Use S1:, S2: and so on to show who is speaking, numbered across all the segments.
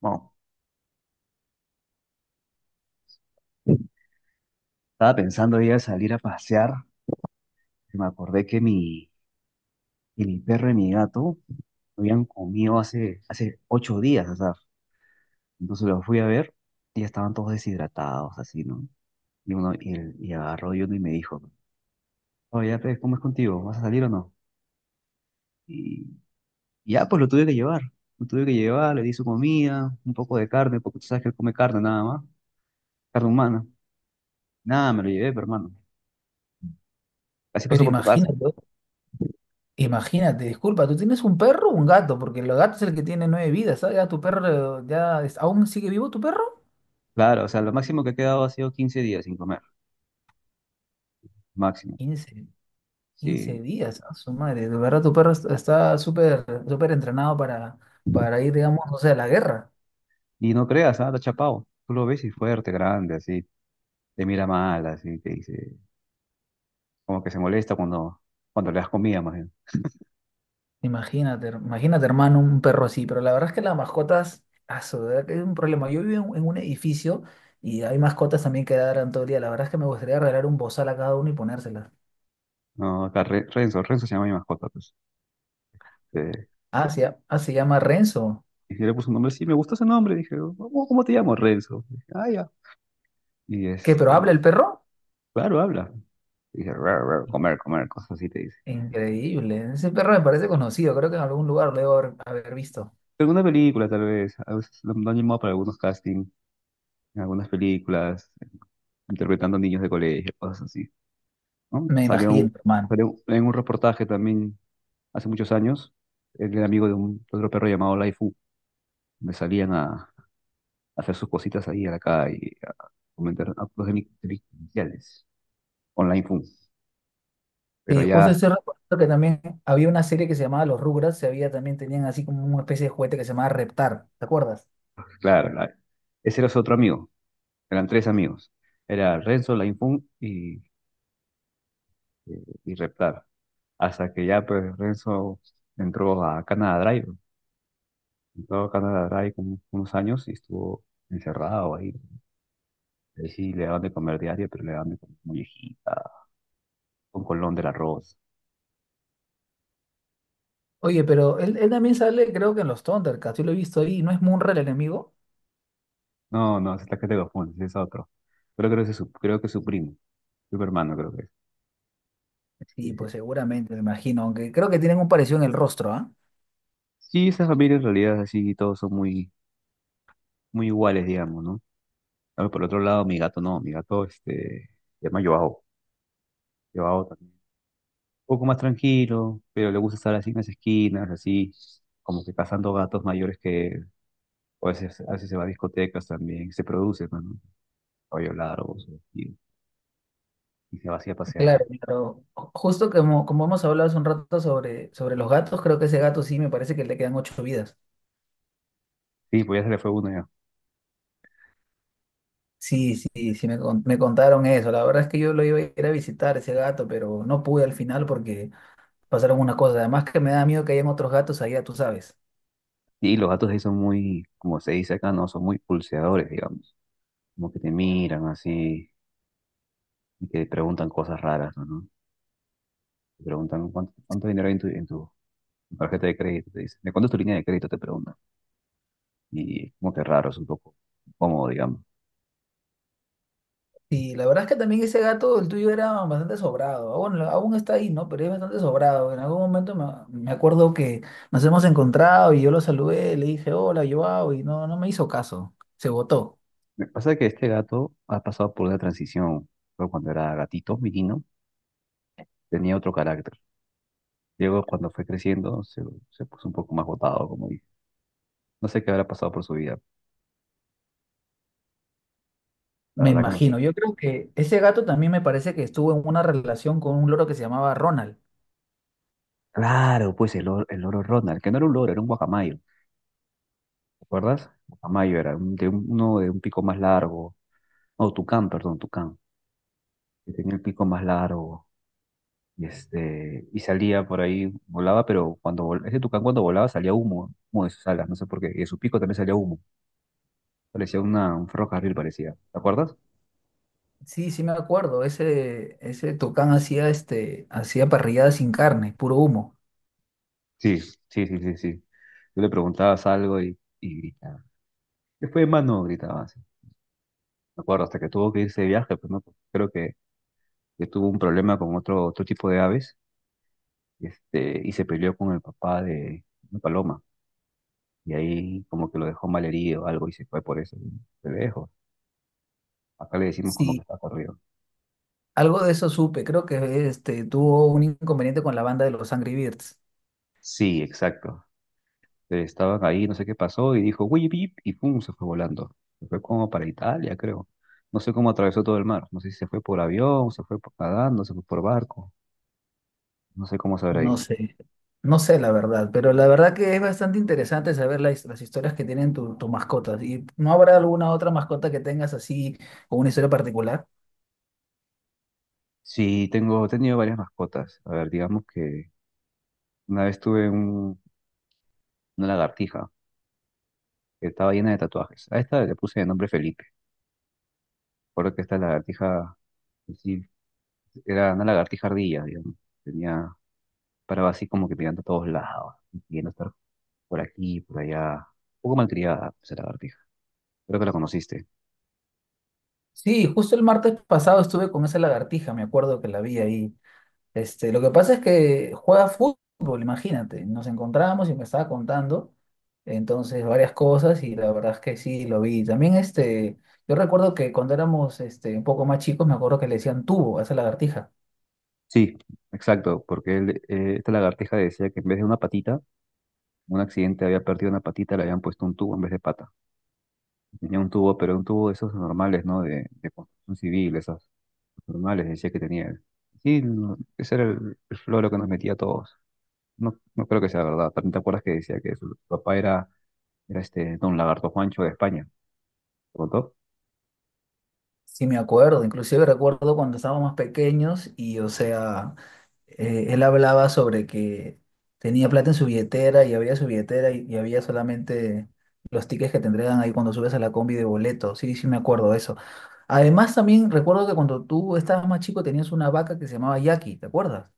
S1: Bueno, estaba pensando ya salir a pasear. Y me acordé que mi perro y mi gato habían comido hace 8 días, o sea, entonces los fui a ver y ya estaban todos deshidratados, así, ¿no? Y uno, y agarró y uno y me dijo, oye, pues, ¿cómo es contigo? ¿Vas a salir o no? Y, y ya, pues lo tuve que llevar. Lo tuve que llevar, le di su comida, un poco de carne, porque tú sabes que él come carne nada más, carne humana. Nada, me lo llevé, pero hermano. Así pasó
S2: Pero
S1: por tu casa.
S2: imagínate, imagínate, disculpa, ¿tú tienes un perro o un gato? Porque el gato es el que tiene nueve vidas, ¿sabes? Ya tu perro, ya, ¿aún sigue vivo tu perro?
S1: Claro, o sea, lo máximo que he quedado ha sido 15 días sin comer. Máximo.
S2: quince quince
S1: Sí.
S2: días, a su madre, de verdad tu perro está súper, súper entrenado para ir, digamos, o sea, a la guerra.
S1: Y no creas, nada, chapado. Tú lo ves y fuerte, grande, así. Te mira mal, así. Te dice. Como que se molesta cuando le das comida, más bien.
S2: Imagínate, imagínate, hermano, un perro así, pero la verdad es que las mascotas, a su verdad que es un problema. Yo vivo en un edificio y hay mascotas también que dan todo el día. La verdad es que me gustaría regalar un bozal a cada uno y ponérselas.
S1: No, acá Renzo. Renzo se llama mi mascota, pues. Eh,
S2: Ah, se llama Renzo.
S1: y yo le puse un nombre, sí, me gustó ese nombre. Dije, "Oh, ¿cómo te llamo, Renzo?". Dije, ah, ya. Y
S2: ¿Qué, pero
S1: este,
S2: habla el perro?
S1: claro, habla. Dice, "Rar, rar, comer, comer", cosas así te dice.
S2: Increíble. Ese perro me parece conocido. Creo que en algún lugar lo debo haber visto.
S1: Alguna película, tal vez. A veces lo han llamado para algunos castings, en algunas películas, interpretando niños de colegio, cosas así, ¿no?
S2: Me
S1: Salió
S2: imagino,
S1: un-
S2: hermano.
S1: salió en un reportaje también hace muchos años, el amigo de, un, de otro perro llamado Laifu, me salían a, hacer sus cositas ahí a la calle, a cometer actos delincuenciales con Laifu. Pero
S2: Y justo
S1: ya,
S2: estoy recordando que también había una serie que se llamaba Los Rugrats. Se había también tenían así como una especie de juguete que se llamaba Reptar. ¿Te acuerdas?
S1: claro, ese era su otro amigo, eran tres amigos, era Renzo, Laifu y Reptar, hasta que ya pues Renzo entró a Canada Drive, entró a Canada Drive como unos años y estuvo encerrado ahí. Ahí sí le daban de comer diario, pero le daban de comer muñequita, con colón del arroz.
S2: Oye, pero él también sale, creo que en los Thundercats. Yo lo he visto ahí. ¿No es Munra el enemigo?
S1: No, no, esa es la que te confundes, ese es otro. Pero creo que es su, creo que es su primo, su hermano creo que es.
S2: Sí,
S1: Sí, sí.
S2: pues seguramente, me imagino. Aunque creo que tienen un parecido en el rostro, ¿ah?
S1: Sí, esa familia en realidad es así, todos son muy, muy iguales, digamos, ¿no? Ahora, por otro lado, mi gato no, mi gato este, se llama Joao. Joao también. Un poco más tranquilo, pero le gusta estar así en las esquinas, así, como que cazando gatos mayores que él. O a veces se va a discotecas también, se produce, pues, ¿no? Cabello largo, y, y se va así a pasear.
S2: Claro, claro. Justo como hemos hablado hace un rato sobre los gatos, creo que ese gato sí me parece que le quedan ocho vidas.
S1: Sí, pues ya se le fue uno ya.
S2: Sí, sí, sí, me contaron eso. La verdad es que yo lo iba a ir a visitar ese gato, pero no pude al final porque pasaron unas cosas. Además que me da miedo que hayan otros gatos allá, tú sabes.
S1: Y los gatos ahí son muy, como se dice acá, no, son muy pulseadores, digamos. Como que te miran así y que te preguntan cosas raras, ¿no? ¿No? Te preguntan cuánto dinero hay en tu tarjeta de crédito, te dicen. ¿De cuánto es tu línea de crédito? Te preguntan. Y es como que raro, es un poco incómodo, digamos.
S2: Y la verdad es que también ese gato, el tuyo, era bastante sobrado. Aún, aún está ahí, ¿no? Pero es bastante sobrado. En algún momento me acuerdo que nos hemos encontrado y yo lo saludé, le dije hola, Joao, y no, no me hizo caso. Se botó,
S1: Me pasa que este gato ha pasado por una transición. Pero cuando era gatito, menino, tenía otro carácter. Luego, cuando fue creciendo, se puso un poco más botado, como dije. No sé qué habrá pasado por su vida. La
S2: me
S1: verdad que no sé.
S2: imagino. Yo creo que ese gato también me parece que estuvo en una relación con un loro que se llamaba Ronald.
S1: Claro, pues el, el loro Ronald, que no era un loro, era un guacamayo, ¿te acuerdas? Guacamayo era un- de un- uno de un pico más largo, no, tucán, perdón, tucán, que tenía el pico más largo, y este, y salía por ahí, volaba, pero ese tucán cuando volaba salía humo, humo de sus alas, no sé por qué, y de su pico también salía humo, parecía una, un ferrocarril, parecía, ¿te acuerdas?
S2: Sí, sí me acuerdo. Ese Tucán hacía este, hacía parrilladas sin carne, puro humo.
S1: Sí, sí, sí, sí, sí. Tú le preguntabas algo y gritaba, "¿qué fue, mano?". Gritaba así, me acuerdo, hasta que tuvo que irse de viaje, pues no, creo que tuvo un problema con otro, otro tipo de aves, este, y se peleó con el papá de una paloma, y ahí como que lo dejó malherido o algo y se fue por eso, se lejos. Acá le decimos como que
S2: Sí,
S1: está corrido.
S2: algo de eso supe. Creo que este tuvo un inconveniente con la banda de los Angry Birds.
S1: Sí, exacto. Estaban ahí, no sé qué pasó, y dijo, "uy, pip", y pum, se fue volando. Se fue como para Italia, creo. No sé cómo atravesó todo el mar. No sé si se fue por avión, se fue nadando, se fue por barco. No sé cómo se habrá
S2: No
S1: ido.
S2: sé, no sé la verdad, pero la verdad que es bastante interesante saber las historias que tienen tus mascotas. ¿Y no habrá alguna otra mascota que tengas así con una historia particular?
S1: Sí, tengo, he tenido varias mascotas. A ver, digamos que una vez tuve una lagartija. Que estaba llena de tatuajes. A esta le puse de nombre Felipe. Recuerdo que esta lagartija, sí, era una lagartija ardilla, digamos. Tenía, paraba así como que mirando a todos lados, queriendo estar por aquí, por allá. Un poco malcriada esa lagartija. Creo que la conociste.
S2: Sí, justo el martes pasado estuve con esa lagartija, me acuerdo que la vi ahí. Este, lo que pasa es que juega fútbol, imagínate. Nos encontramos y me estaba contando, entonces, varias cosas y la verdad es que sí, lo vi. También, este, yo recuerdo que cuando éramos, este, un poco más chicos, me acuerdo que le decían tubo a esa lagartija.
S1: Sí, exacto, porque él, esta lagartija decía que en vez de una patita, en un accidente había perdido una patita, le habían puesto un tubo en vez de pata. Tenía un tubo, pero un tubo de esos normales, ¿no? De construcción civil, esas normales, decía que tenía él. Sí, no, ese era el, floro que nos metía a todos. No, no creo que sea verdad. ¿También te acuerdas que decía que su papá era este Don Lagarto Juancho de España? ¿Te contó?
S2: Sí, me acuerdo, inclusive recuerdo cuando estábamos más pequeños y, o sea, él hablaba sobre que tenía plata en su billetera y había su billetera y había solamente los tickets que te entregan ahí cuando subes a la combi de boleto. Sí, sí, me acuerdo de eso. Además, también recuerdo que cuando tú estabas más chico tenías una vaca que se llamaba Jackie, ¿te acuerdas?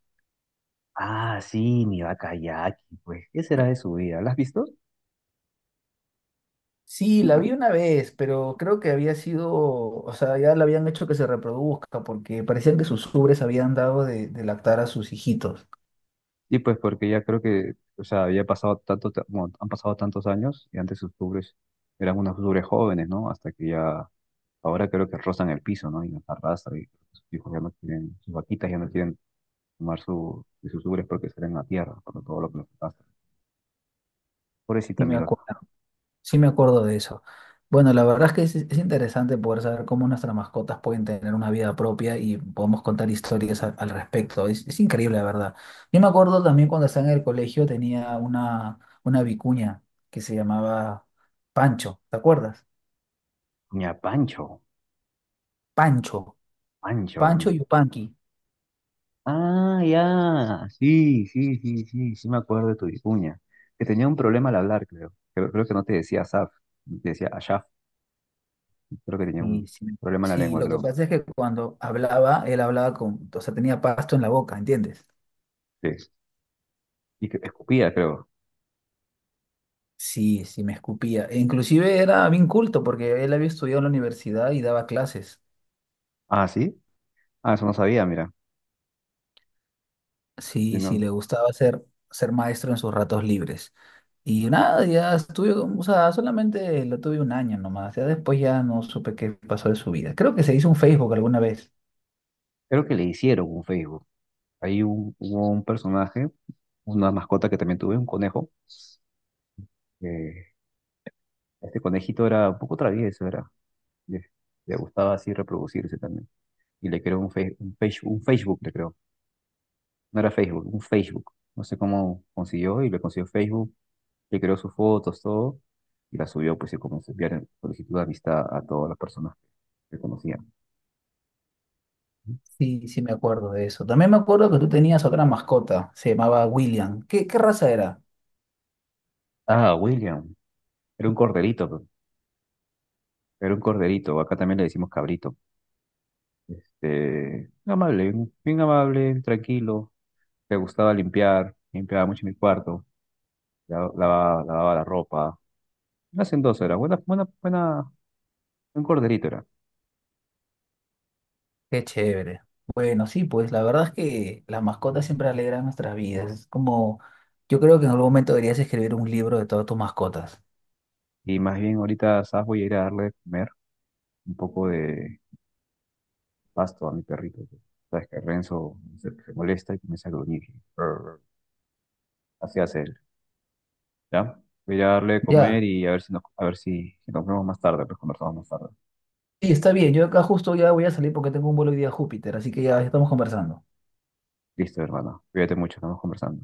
S1: Ah, sí, mi vaca Jackie, pues, ¿qué será de su vida? ¿La has visto?
S2: Sí, la vi una vez, pero creo que había sido, o sea, ya la habían hecho que se reproduzca porque parecían que sus ubres habían dado de lactar a sus hijitos.
S1: Sí, pues porque ya creo que, o sea, había pasado tanto, bueno, han pasado tantos años y antes sus pobres eran unos pobres jóvenes, ¿no? Hasta que ya, ahora creo que rozan el piso, ¿no? Y nos arrastran y sus hijos ya no quieren, sus vaquitas ya no quieren tomar su, de sus ubres porque serán en la tierra, por todo lo que nos pasa. Pobrecita
S2: Y me
S1: mi
S2: acuerdo.
S1: vaca.
S2: Sí me acuerdo de eso. Bueno, la verdad es que es interesante poder saber cómo nuestras mascotas pueden tener una vida propia y podemos contar historias al respecto. Es increíble, la verdad. Yo me acuerdo también cuando estaba en el colegio tenía una, vicuña que se llamaba Pancho, ¿te acuerdas?
S1: Ña, Pancho,
S2: Pancho,
S1: Pancho.
S2: Pancho Yupanqui.
S1: Ah, ya, sí, sí, sí, sí, sí me acuerdo de tu vicuña, que tenía un problema al hablar, creo. Creo que no te decía Asaf, te decía Ashaf, creo que tenía
S2: Y
S1: un
S2: sí,
S1: problema en la
S2: sí,
S1: lengua,
S2: lo que
S1: creo.
S2: pasa es que cuando hablaba, él hablaba con, o sea, tenía pasto en la boca, ¿entiendes?
S1: Sí. Y que escupía, creo.
S2: Sí, sí, me escupía. E Inclusive era bien culto porque él había estudiado en la universidad y daba clases.
S1: Ah, sí, ah, eso no sabía, mira. Sí,
S2: Sí, sí,
S1: no.
S2: le gustaba ser maestro en sus ratos libres. Y nada, ya estuve, o sea, solamente lo tuve un año nomás. Ya después ya no supe qué pasó de su vida. Creo que se hizo un Facebook alguna vez.
S1: Creo que le hicieron un Facebook. Ahí hubo un personaje, una mascota que también tuve, un conejo, que este conejito era un poco travieso, era. Le, le gustaba así reproducirse también. Y le creó un Facebook, le creó. No era Facebook, un Facebook. No sé cómo consiguió y le consiguió Facebook. Le creó sus fotos, todo. Y la subió, pues, y comenzó a enviar solicitud de amistad a todas las personas que conocían.
S2: Sí, sí, me acuerdo de eso. También me acuerdo que tú tenías otra mascota, se llamaba William. ¿Qué, qué raza era?
S1: Ah, William. Era un corderito, pe. Era un corderito. Acá también le decimos cabrito. Amable, bien amable, tranquilo. Le gustaba limpiar, limpiaba mucho mi cuarto. Lavaba la ropa. Unas en 2 horas, buena, buena, buena, buen corderito era.
S2: Qué chévere. Bueno, sí, pues la verdad es que las mascotas siempre alegran nuestras vidas. Es como, yo creo que en algún momento deberías escribir un libro de todas tus mascotas.
S1: Y más bien ahorita, ¿sabes? Voy a ir a darle de comer un poco de pasto a mi perrito. Que Sabes que Renzo se molesta y comienza a gruñir. Brr. Así hace él, ¿ya? Voy a ir a darle de comer
S2: Ya,
S1: y a ver si nos, a ver si nos vemos más tarde, pues conversamos más tarde.
S2: sí, está bien. Yo acá justo ya voy a salir porque tengo un vuelo hoy día a Júpiter, así que ya estamos conversando.
S1: Listo, hermana. Cuídate mucho, estamos conversando.